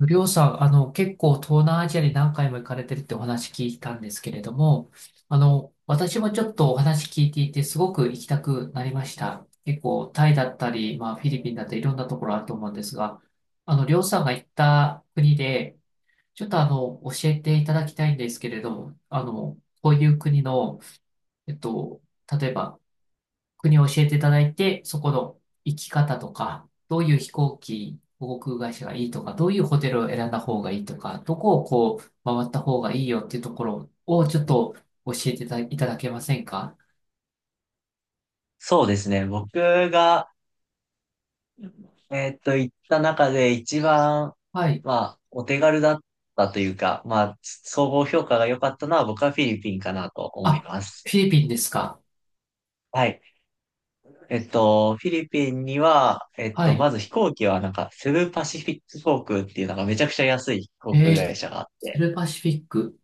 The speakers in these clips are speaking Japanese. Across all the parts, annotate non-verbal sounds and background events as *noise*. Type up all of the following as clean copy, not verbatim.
りょうさん、結構東南アジアに何回も行かれてるってお話聞いたんですけれども、私もちょっとお話聞いていて、すごく行きたくなりました。結構、タイだったり、まあ、フィリピンだったり、いろんなところあると思うんですが、りょうさんが行った国で、ちょっと教えていただきたいんですけれども、こういう国の、えっと、例えば、国を教えていただいて、そこの行き方とか、どういう飛行機、航空会社がいいとか、どういうホテルを選んだ方がいいとか、どこをこう回った方がいいよっていうところをちょっと教えていたいただけませんか？そうですね。僕が、行った中で一番、はい。まあ、お手軽だったというか、まあ、総合評価が良かったのは僕はフィリピンかなと思いあ、まフす。ィリピンですか？はい。フィリピンには、はい。まず飛行機はなんか、セブパシフィック航空っていうなんかめちゃくちゃ安い航え空ー、会社があっセて、ルパシフィック。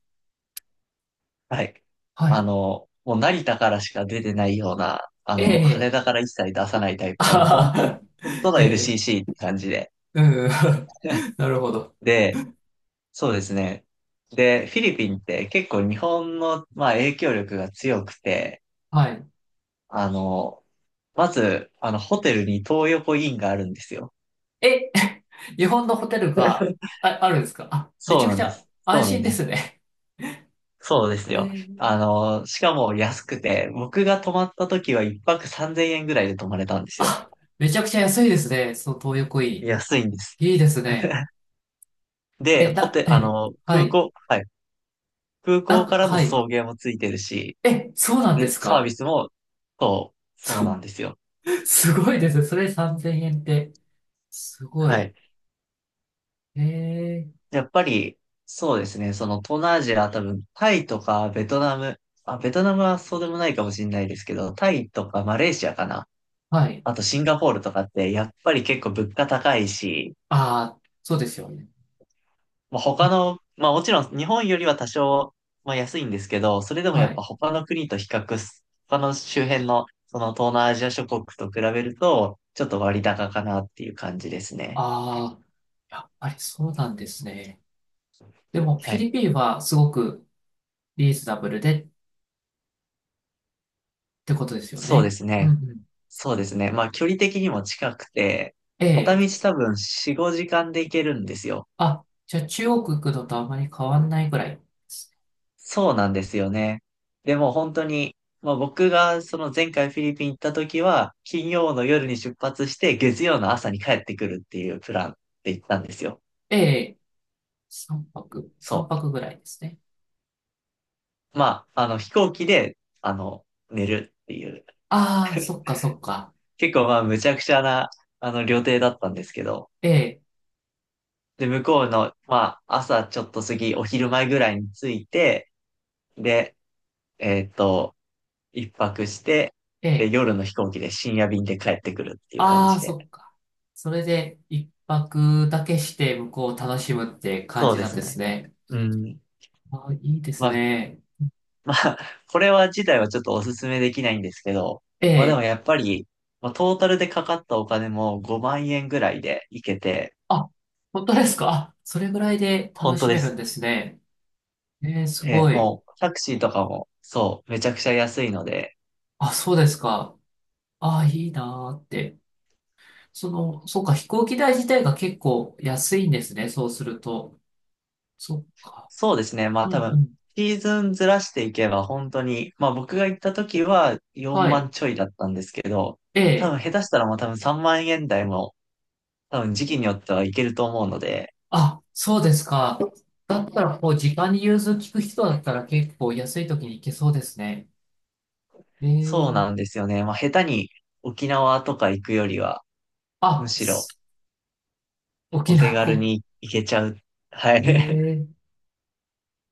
はい。はい。もう成田からしか出てないような、え羽え、田から一切出さないタイあプの、もうは本当に、は、本当の ええ、 LCC って感じで。うん。*laughs* *laughs* なるほど。で、そうですね。で、フィリピンって結構日本の、まあ、影響力が強くて、はい。あの、まず、ホテルに東横インがあるんですよ。え、*laughs* 日本のホテルが、あ、あるんですかあ、めそちうゃくなんちでゃす。そ安うなん心でですす。ね。そうですよ。ええ、あの、しかも安くて、僕が泊まった時は一泊3000円ぐらいで泊まれたんですよ。あ、めちゃくちゃ安いですね。その東横イ安いんです。ン。いいですね。*laughs* で、え、だ、あえ、の、は空い。港、はい。空な港んかか、らのはい。送迎もついてるし、え、そうなんでで、すサービか。スも、そう、そうそ、なんですよ。*laughs* すごいですね。それ3000円って。すごはい。い。ええ、やっぱり、そうですね。その東南アジア、多分、タイとかベトナム、あ、ベトナムはそうでもないかもしれないですけど、タイとかマレーシアかな。はい。あとシンガポールとかって、やっぱり結構物価高いし、ああ、そうですよね。まあ、う他ん、の、まあもちろん日本よりは多少、まあ安いんですけど、それでもはやっい。ぱ他の国と比較す、他の周辺の、その東南アジア諸国と比べると、ちょっと割高かなっていう感じですね。ああ、やっぱりそうなんですね。でも、フはィい。リピンはすごくリーズナブルでってことですよそうでね。すうんうね。ん。そうですね。まあ、距離的にも近くて、片ええ、道多分4、5時間で行けるんですよ。あ、じゃあ中国行くのとあまり変わんないぐらいですね。そうなんですよね。でも本当に、まあ僕がその前回フィリピン行った時は、金曜の夜に出発して、月曜の朝に帰ってくるっていうプランで行ったんですよ。え、三泊、そ三泊ぐらいですね。う。まあ、あの飛行機で、寝るっていう。ああ、そっかそっか。結構まあ、むちゃくちゃな、旅程だったんですけど。ええ、で、向こうの、まあ、朝ちょっと過ぎ、お昼前ぐらいに着いて、で、えーっと、一泊して、えで、え、夜の飛行機で深夜便で帰ってくるっていう感あじあ、で。そっか。それで一泊だけして向こうを楽しむって感そうじでなんすですね。ね。うん。ああ、いいですまあ、ね。まあ、これは自体はちょっとおすすめできないんですけど、えまあでもえ、やっぱり、まあトータルでかかったお金も5万円ぐらいで行けて、あ、本当ですか。あ、それぐらいで本楽当しでめるんす。ですね。ええ、すごい。もうタクシーとかも、そう、めちゃくちゃ安いので、あ、そうですか。ああ、いいなーって。そうか、飛行機代自体が結構安いんですね。そうすると。そっか。そうですね。まあう多んう分、ん。シーズンずらしていけば本当に、まあ僕が行った時は4はい。万ちょいだったんですけど、え多え。分下手したらもう多分3万円台も多分時期によってはいけると思うので、あ、そうですか。だったら、こう、時間に融通きく人だったら結構安い時に行けそうですね。えそうー、なんですよね。まあ、下手に沖縄とか行くよりは、むあ、しろ沖お手縄、軽に行けちゃう。*laughs* はえい。ー、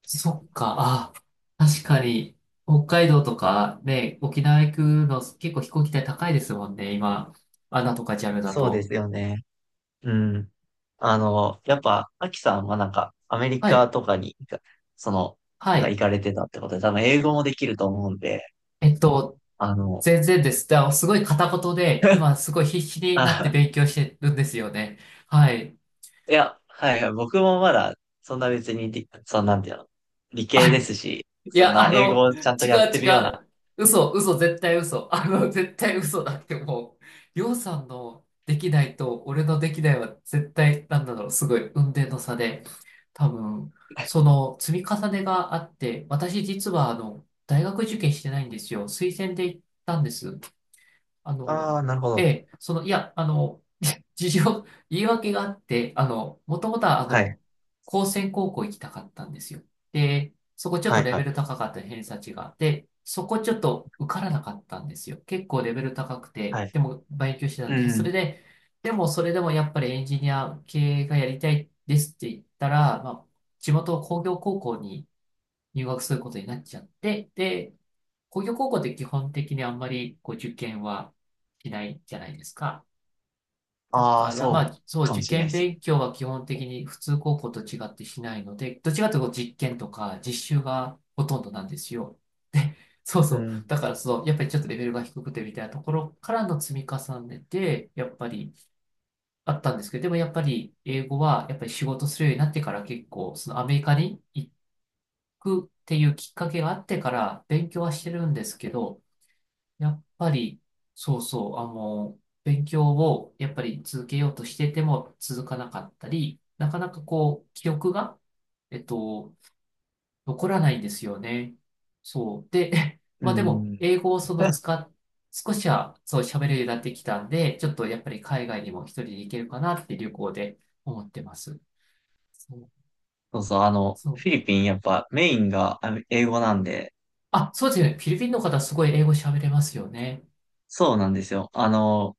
そっか、あ、確かに、北海道とかね、沖縄行くの結構飛行機代高いですもんね、今。アナとかジャム *laughs* だそうでと。すよね。うん。やっぱ、アキさんはなんか、アメリはカい、とかに行か、その、はなんかい。行かれてたってことで、多分英語もできると思うんで、えっと、あの、全然です。だからすごい片言で、今すごい必死になってあ、勉強してるんですよね。はい。*laughs* いや、はい、僕もまだ、そんなんていうの、理系ですし、いそんや、な英語をちゃんと違やっうてる違ような、う。嘘、嘘、絶対嘘。*laughs* 絶対嘘だってもう、りょうさんのできないと、俺のできないは絶対、なんだろう、すごい、雲泥の差で、多分、その積み重ねがあって、私実は、大学受験してないんですよ。推薦で行ったんです。あの、ああ、なるほえど。え、いや、*laughs* 事情、言い訳があって、もともとは、はい。高専高校行きたかったんですよ。で、そこちょっはといレはベい。ル高かった偏差値があって、そこちょっと受からなかったんですよ。結構レベル高くて、はい。でも勉強してたんうで、それん。で、でもそれでもやっぱりエンジニア系がやりたいですって言ったら、まあ、地元工業高校に入学することになっちゃって、で、工業高校って基本的にあんまりこう受験はしないじゃないですか。だあかあ、らまそうあ、そう、かも受しれない験です。勉強は基本的に普通高校と違ってしないので、どっちかというと実験とか実習がほとんどなんですよ。で、そううそう。ん。だからその、やっぱりちょっとレベルが低くてみたいなところからの積み重ねで、やっぱりあったんですけど、でもやっぱり英語はやっぱり仕事するようになってから結構、そのアメリカに行くっていうきっかけがあってから勉強はしてるんですけど、やっぱり、そうそう、勉強をやっぱり続けようとしてても続かなかったり、なかなかこう、記憶が、えっと、残らないんですよね。そう。で、*laughs* うまあでも、ん。英語をその *laughs* 使っ、少しはそう喋れるようになってきたんで、ちょっとやっぱり海外にも一人で行けるかなって旅行で思ってます。そう、そうそう、そう。フィリピンやっぱメインがあの英語なんで、あ、そうですね。フィリピンの方すごい英語喋れますよね。そうなんですよ。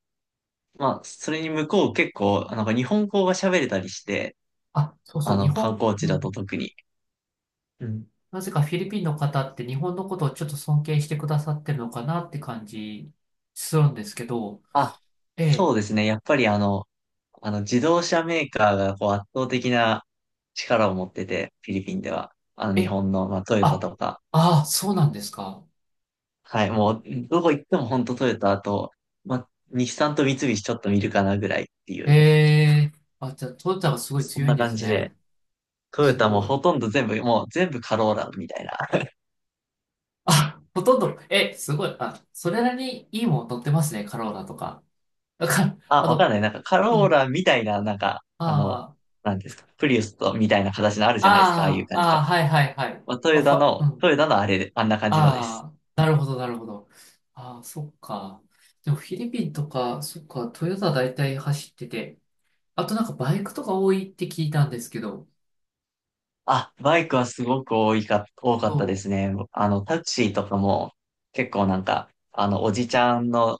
まあ、それに向こう結構、なんか日本語が喋れたりして、あ、そうあそう。日の、観本、光う地んうだとん、特に。うん。なぜかフィリピンの方って日本のことをちょっと尊敬してくださってるのかなって感じするんですけど、あ、そえうですね。やっぱり自動車メーカーがこう圧倒的な力を持ってて、フィリピンでは。え、日え、本の、まあ、トヨタあ、とか、ああ、そうなんですか。はい、もう、どこ行っても本当トヨタと、ま、日産と三菱ちょっと見るかなぐらいっていえう、え、あ、じゃあ、トヨタがすごいそん強いんなで感すじで、ね。トヨすタもごい。ほとんど全部、もう全部カローラみたいな。あ、ほとんど、え、すごい。あ、それなりにいいもん乗ってますね、カローラとか。だから、あ、わかんない。なんかカうローん、ラみたいな、なんか、あなんですか、プリウスとみたいな形のあるじゃないですか、ああいうあ、ああ、感じあの。あ、はいはいはい。まあ、トまあ、ヨタの、うん。トヨタのあれで、あんな感じのです。ああ、なるほど、なるほど。ああ、そっか。でもフィリピンとか、そっか、トヨタ大体走ってて、あとなんかバイクとか多いって聞いたんですけど、あ、バイクはすごく多いか、多かったでそすね。タクシーとかも、結構なんか、おじちゃんの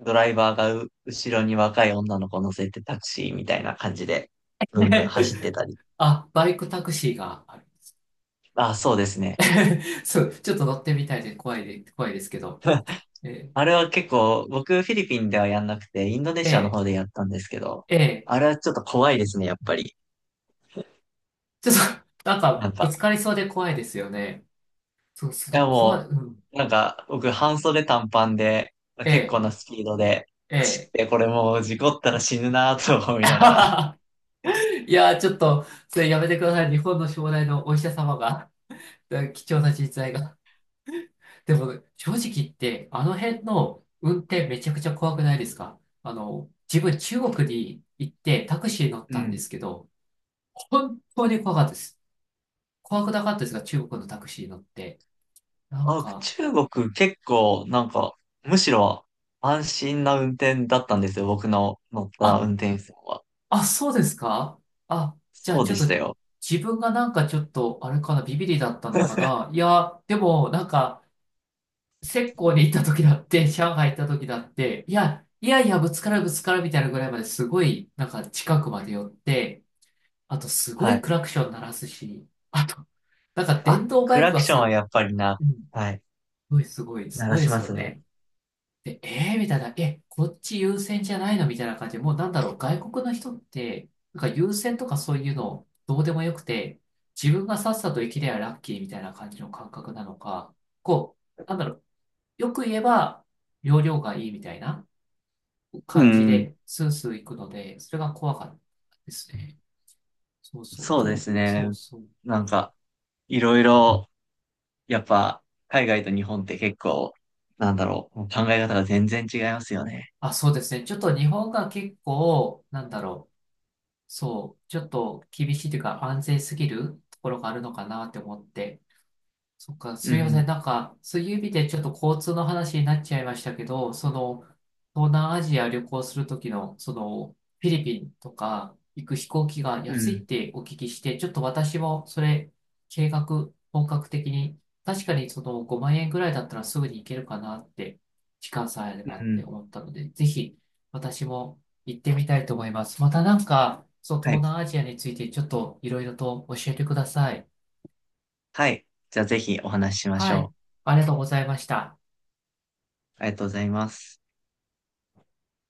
ドライバーがう後ろに若い女の子を乗せてタクシーみたいな感じで、う。*laughs* ブンブンね。走ってたり。あ、バイクタクシーがある。あ、そうですね。*laughs* そう、ちょっと乗ってみたいで怖いですけど。えあれは結構、僕フィリピンではやんなくて、インドネえ、えシアのえ、方でやったんですけど、ええ、あれはちょっと怖いですね、やっぱり。ちょっと、なんなか、んぶつか、かりそうで怖いですよね。そう、そいのや怖い、もうん。う、なんか、僕半袖短パンで、結構えなスピードでえ、え走っえ。て、これもう事故ったら死ぬなぁと思いながら。*laughs* いやー、ちょっと、それやめてください。日本の将来のお医者様が。で貴重な人材が。でも、正直言って、あの辺の運転めちゃくちゃ怖くないですか？自分中国に行ってタクシー乗っうたんでん。すけど、本当に怖かったです。怖くなかったですが、中国のタクシー乗って。なんあ、か、中国結構なんか、むしろ安心な運転だったんですよ。僕の乗ったあ、運転手さんは。あ、そうですかあ、じゃあそうちょでっと、したよ。自分がなんかちょっと、あれかな、ビビリだったのか *laughs* な。いや、でも、なんか、浙江に行った時だって、*laughs* 上海行った時だって、いや、いやいや、ぶつかるぶつかるみたいなぐらいまですごい、なんか近くまで寄って、あとすごはいい。クラクション鳴らすし、あと、なんか電あ、動バクイクラクがションはやっぱりな、うん、すはい、ごいすごい、す鳴ごらいでしすまよすね。ね。で、みたいな、え、こっち優先じゃないのみたいな感じで、もうなんだろう、外国の人って、なんか優先とかそういうのどうでもよくて、自分がさっさと生きればラッキーみたいな感じの感覚なのか、こう、よく言えば、容量がいいみたいな。う感じん。で、スースー行くので、それが怖かったですね。そうそう。そうででも、すそね。うそう。なんか、いろいろ、やっぱ、海外と日本って結構、なんだろう、考え方が全然違いますよね。あ、そうですね。ちょっと日本が結構、なんだろう。そう。ちょっと厳しいというか、安全すぎるところがあるのかなって思って。そっか、うすみません。ん、なんか、そういう意味でちょっと交通の話になっちゃいましたけど、その、東南アジア旅行するときの、その、フィリピンとか行く飛行機がう安いん、ってお聞きして、ちょっと私もそれ、計画、本格的に、確かにその5万円ぐらいだったらすぐに行けるかなって、時間さえあればうってん。思ったので、ぜひ私も行ってみたいと思います。またなんか、そう、は東い。南アジアについてちょっといろいろと教えてください。はい。じゃあぜひお話ししましはい。ょありがとうございました。う。ありがとうございます。